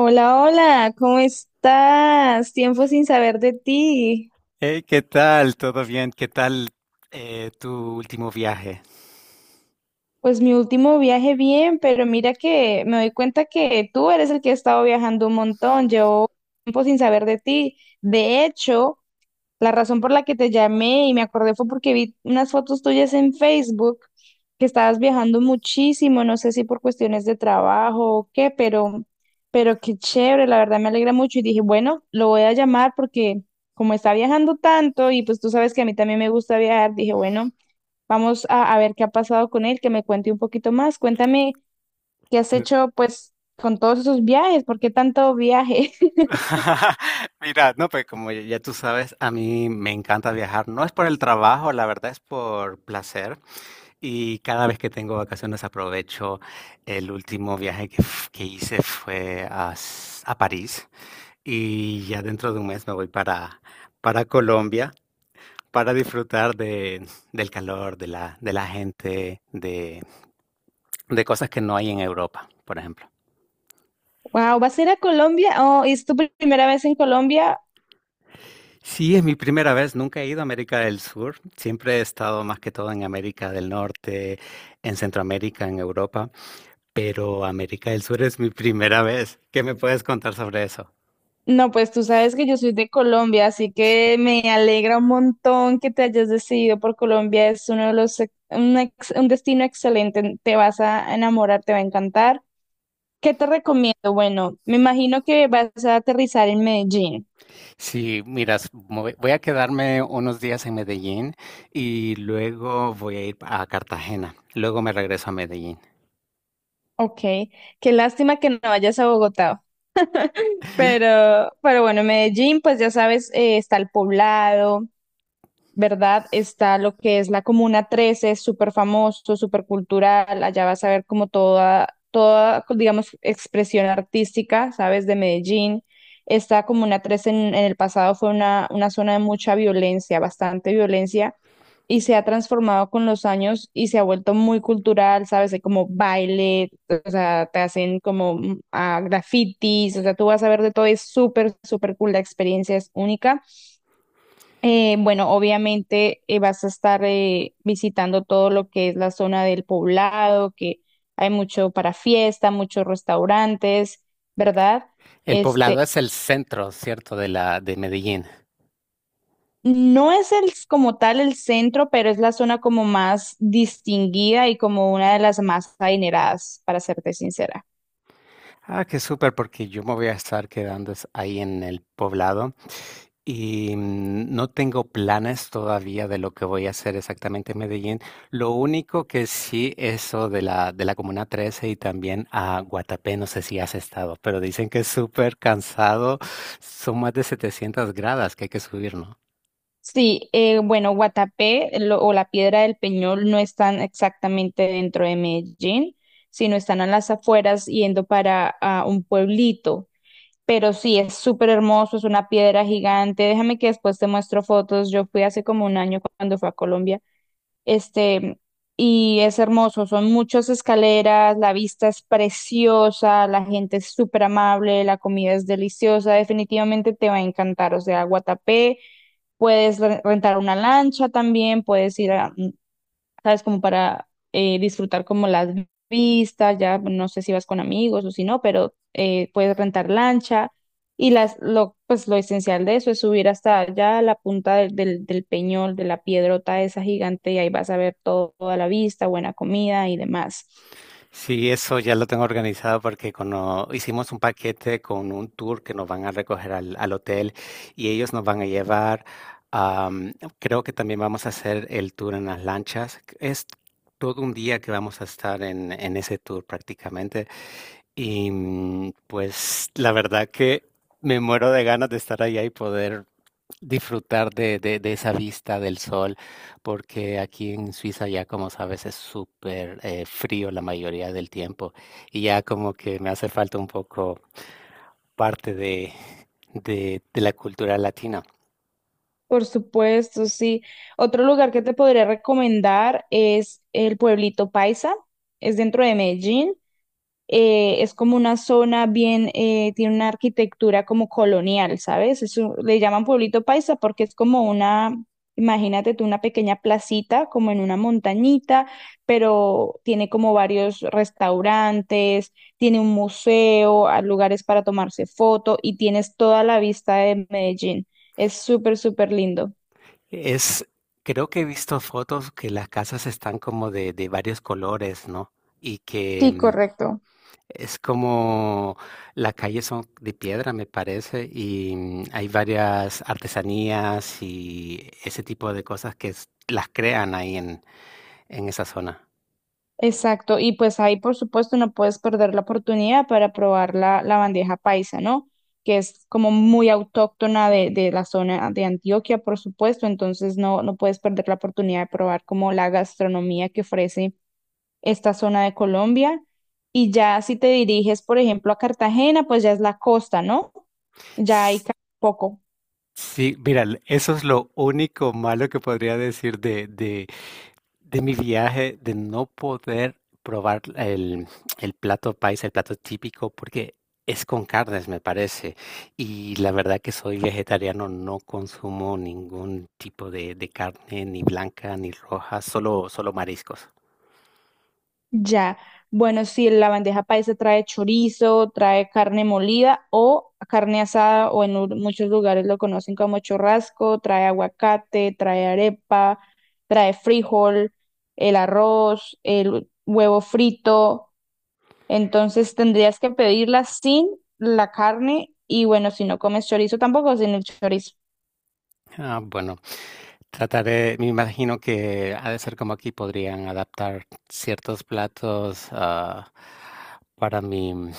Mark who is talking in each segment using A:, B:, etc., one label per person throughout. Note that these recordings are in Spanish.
A: Hola, hola, ¿cómo estás? Tiempo sin saber de ti.
B: Hey, ¿qué tal? ¿Todo bien? ¿Qué tal tu último viaje?
A: Pues mi último viaje bien, pero mira que me doy cuenta que tú eres el que ha estado viajando un montón. Llevo tiempo sin saber de ti. De hecho, la razón por la que te llamé y me acordé fue porque vi unas fotos tuyas en Facebook que estabas viajando muchísimo, no sé si por cuestiones de trabajo o qué, pero qué chévere, la verdad me alegra mucho y dije, bueno, lo voy a llamar porque como está viajando tanto y pues tú sabes que a mí también me gusta viajar, dije, bueno, vamos a ver qué ha pasado con él, que me cuente un poquito más. Cuéntame qué has
B: No-
A: hecho pues con todos esos viajes, ¿por qué tanto viaje?
B: Mira, no, pues como ya tú sabes, a mí me encanta viajar. No es por el trabajo, la verdad es por placer. Y cada vez que tengo vacaciones aprovecho. El último viaje que hice fue a París. Y ya dentro de un mes me voy para Colombia para disfrutar del calor, de la gente, de cosas que no hay en Europa, por ejemplo.
A: Wow, ¿vas a ir a Colombia? Oh, ¿es tu primera vez en Colombia?
B: Sí, es mi primera vez, nunca he ido a América del Sur, siempre he estado más que todo en América del Norte, en Centroamérica, en Europa, pero América del Sur es mi primera vez. ¿Qué me puedes contar sobre eso?
A: No, pues tú sabes que yo soy de Colombia, así que me alegra un montón que te hayas decidido por Colombia. Es uno de los, un destino excelente. Te vas a enamorar, te va a encantar. ¿Qué te recomiendo? Bueno, me imagino que vas a aterrizar en Medellín.
B: Sí, miras, voy a quedarme unos días en Medellín y luego voy a ir a Cartagena. Luego me regreso a Medellín.
A: Ok, qué lástima que no vayas a Bogotá. Pero bueno, en Medellín, pues ya sabes, está el Poblado. ¿Verdad? Está lo que es la Comuna 13, súper famoso, súper cultural. Allá vas a ver como toda, toda, digamos, expresión artística, ¿sabes? De Medellín. Esta Comuna 13 en el pasado fue una zona de mucha violencia, bastante violencia, y se ha transformado con los años y se ha vuelto muy cultural, ¿sabes? Hay como baile, o sea, te hacen como grafitis, o sea, tú vas a ver de todo, es súper, súper cool, la experiencia es única. Bueno, obviamente vas a estar visitando todo lo que es la zona del poblado, que hay mucho para fiesta, muchos restaurantes, ¿verdad?
B: El
A: Este,
B: poblado es el centro, ¿cierto? De la de Medellín.
A: no es el, como tal el centro, pero es la zona como más distinguida y como una de las más adineradas, para serte sincera.
B: Ah, qué súper, porque yo me voy a estar ahí en el poblado y no tengo planes todavía de lo que voy a hacer exactamente en Medellín. Lo único que sí, eso de la Comuna 13 y también a Guatapé, no sé si has estado, pero dicen que es súper cansado. Son más de 700 gradas que hay que subir, ¿no?
A: Sí, bueno, Guatapé o la Piedra del Peñol no están exactamente dentro de Medellín, sino están a las afueras yendo para un pueblito. Pero sí, es súper hermoso, es una piedra gigante. Déjame que después te muestro fotos. Yo fui hace como un año cuando fui a Colombia. Este, y es hermoso, son muchas escaleras, la vista es preciosa, la gente es súper amable, la comida es deliciosa. Definitivamente te va a encantar. O sea, Guatapé, puedes rentar una lancha también, puedes ir a, ¿sabes? Como para disfrutar como las vistas, ya bueno, no sé si vas con amigos o si no, pero puedes rentar lancha y las, lo, pues lo esencial de eso es subir hasta allá la punta del peñol, de la piedrota esa gigante y ahí vas a ver toda la vista, buena comida y demás.
B: Sí, eso ya lo tengo organizado porque cuando hicimos un paquete con un tour que nos van a recoger al hotel y ellos nos van a llevar, am, creo que también vamos a hacer el tour en las lanchas. Es todo un día que vamos a estar en ese tour prácticamente. Y pues la verdad que me muero de ganas de estar allá y poder disfrutar de esa vista del sol, porque aquí en Suiza ya como sabes es súper frío la mayoría del tiempo y ya como que me hace falta un poco parte de la cultura latina.
A: Por supuesto, sí. Otro lugar que te podría recomendar es el pueblito Paisa, es dentro de Medellín. Es como una zona bien, tiene una arquitectura como colonial, ¿sabes? Le llaman pueblito paisa porque es como una, imagínate tú, una pequeña placita como en una montañita, pero tiene como varios restaurantes, tiene un museo, hay lugares para tomarse foto y tienes toda la vista de Medellín. Es súper, súper lindo.
B: Es, creo que he visto fotos que las casas están como de varios colores, ¿no? Y que
A: Sí,
B: mm,
A: correcto.
B: es como las calles son de piedra, me parece, y mm, hay varias artesanías y ese tipo de cosas las crean en esa zona.
A: Exacto, y pues ahí por supuesto no puedes perder la oportunidad para probar la, la bandeja paisa, ¿no? Que es como muy autóctona de la zona de Antioquia, por supuesto, entonces no, no puedes perder la oportunidad de probar como la gastronomía que ofrece esta zona de Colombia. Y ya si te diriges, por ejemplo, a Cartagena, pues ya es la costa, ¿no? Ya hay
B: S-
A: ca- poco.
B: Sí, mira, eso es lo único malo que podría decir de mi viaje de no poder probar el plato paisa, el plato típico, porque es con carnes, me parece. Y la verdad que soy vegetariano, no consumo ningún tipo de carne, ni blanca, ni roja, solo, solo mariscos.
A: Ya, bueno, si la bandeja paisa trae chorizo, trae carne molida o carne asada, o muchos lugares lo conocen como churrasco, trae aguacate, trae arepa, trae frijol, el arroz, el huevo frito. Entonces tendrías que pedirla sin la carne y bueno, si no comes chorizo tampoco sin el chorizo.
B: Ah, bueno, trataré, me imagino que ha de ser como aquí podrían adaptar ciertos platos para mi,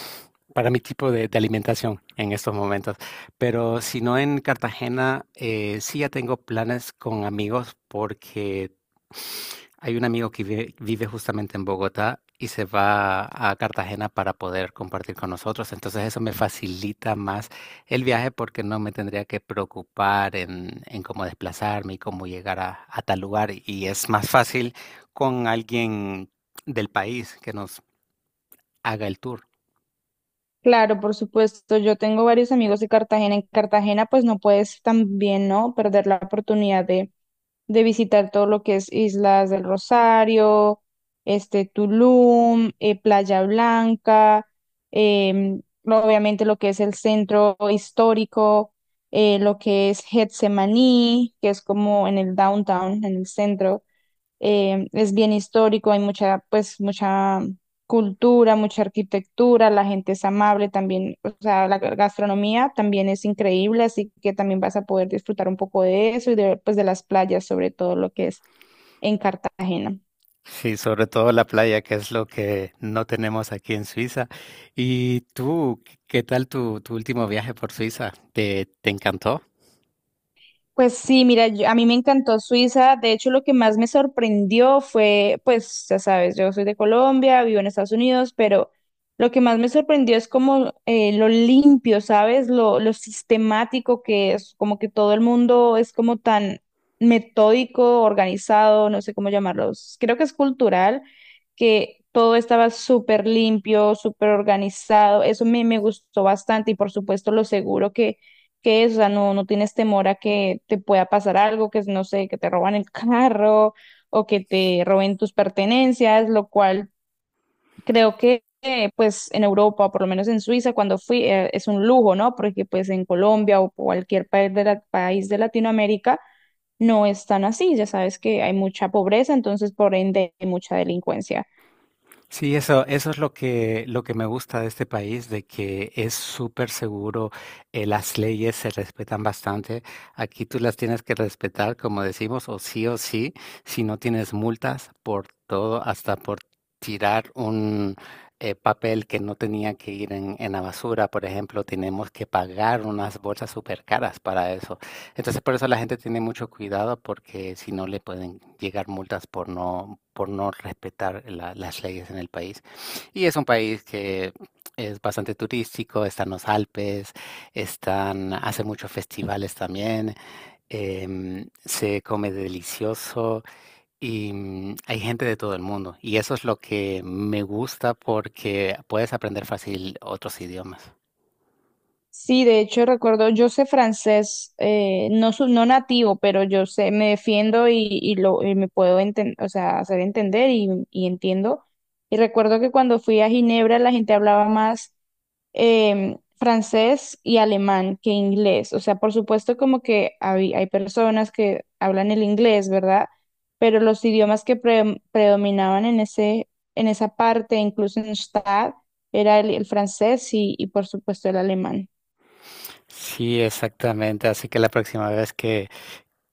B: para mi tipo de alimentación en estos momentos. Pero si no en Cartagena, sí ya tengo planes con amigos porque hay un amigo que vive justamente en Bogotá y se va a Cartagena para poder compartir con nosotros. Entonces eso me facilita más el viaje porque no me tendría que preocupar en cómo desplazarme y cómo llegar a tal lugar. Y es más fácil con alguien del país que nos haga el tour.
A: Claro, por supuesto, yo tengo varios amigos de Cartagena. En Cartagena pues no puedes también, ¿no? Perder la oportunidad de visitar todo lo que es Islas del Rosario, este Tulum, Playa Blanca, obviamente lo que es el centro histórico, lo que es Getsemaní, que es como en el downtown, en el centro, es bien histórico, hay mucha, pues, mucha cultura, mucha arquitectura, la gente es amable también, o sea, la gastronomía también es increíble, así que también vas a poder disfrutar un poco de eso y de, pues, de las playas, sobre todo lo que es en Cartagena.
B: Sí, sobre todo la playa, que es lo que no tenemos aquí en Suiza. ¿Y tú, qué tal tu último viaje por Suiza? ¿Te, te encantó?
A: Pues sí, mira, a mí me encantó Suiza. De hecho, lo que más me sorprendió fue, pues, ya sabes, yo soy de Colombia, vivo en Estados Unidos, pero lo que más me sorprendió es como lo limpio, ¿sabes? Lo sistemático que es, como que todo el mundo es como tan metódico, organizado, no sé cómo llamarlos. Creo que es cultural, que todo estaba súper limpio, súper organizado. Eso me, me gustó bastante y por supuesto lo seguro que es, o sea, no, no tienes temor a que te pueda pasar algo, que es, no sé, que te roban el carro o que te roben tus pertenencias, lo cual creo que pues en Europa, o por lo menos en Suiza, cuando fui, es un lujo, ¿no? Porque pues en Colombia o cualquier país de país de Latinoamérica no es tan así, ya sabes que hay mucha pobreza, entonces por ende hay mucha delincuencia.
B: Sí, eso es lo lo que me gusta de este país, de que es súper seguro, las leyes se respetan bastante. Aquí tú las tienes que respetar, como decimos, o sí, si no tienes multas por todo, hasta por tirar un papel que no tenía que ir en la basura, por ejemplo, tenemos que pagar unas bolsas súper caras para eso. Entonces, por eso la gente tiene mucho cuidado porque si no le pueden llegar multas por no respetar la las leyes en el país. Y es un país que es bastante turístico, están los Alpes, están hace muchos festivales también, se come delicioso y, mm, hay gente de todo el mundo. Y eso es lo que me gusta porque puedes aprender fácil otros idiomas.
A: Sí, de hecho recuerdo, yo sé francés, no, no nativo, pero yo sé, me defiendo y lo, y me o sea, hacer entender y entiendo. Y recuerdo que cuando fui a Ginebra la gente hablaba más francés y alemán que inglés. O sea, por supuesto como que hay personas que hablan el inglés, ¿verdad? Pero los idiomas que predominaban en ese, en esa parte, incluso en Stade, era el francés y por supuesto el alemán.
B: Sí, exactamente. Así que la próxima vez que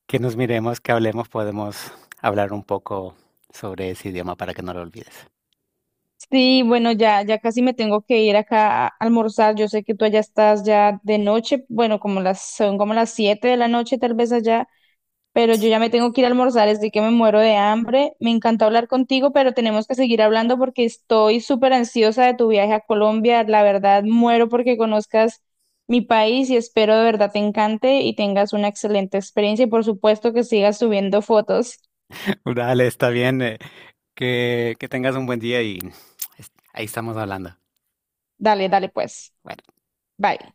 B: que nos miremos, que hablemos, podemos hablar un poco sobre ese idioma para que no lo olvides.
A: Sí, bueno, ya, ya casi me tengo que ir acá a almorzar. Yo sé que tú allá estás ya de noche, bueno, son como las 7 de la noche tal vez allá, pero yo ya me tengo que ir a almorzar, así que me muero de hambre. Me encantó hablar contigo, pero tenemos que seguir hablando porque estoy súper ansiosa de tu viaje a Colombia. La verdad, muero porque conozcas mi país y espero de verdad te encante y tengas una excelente experiencia y por supuesto que sigas subiendo fotos.
B: Dale, está bien. Que tengas un buen día y ahí estamos hablando.
A: Dale, dale pues.
B: Bueno.
A: Bye.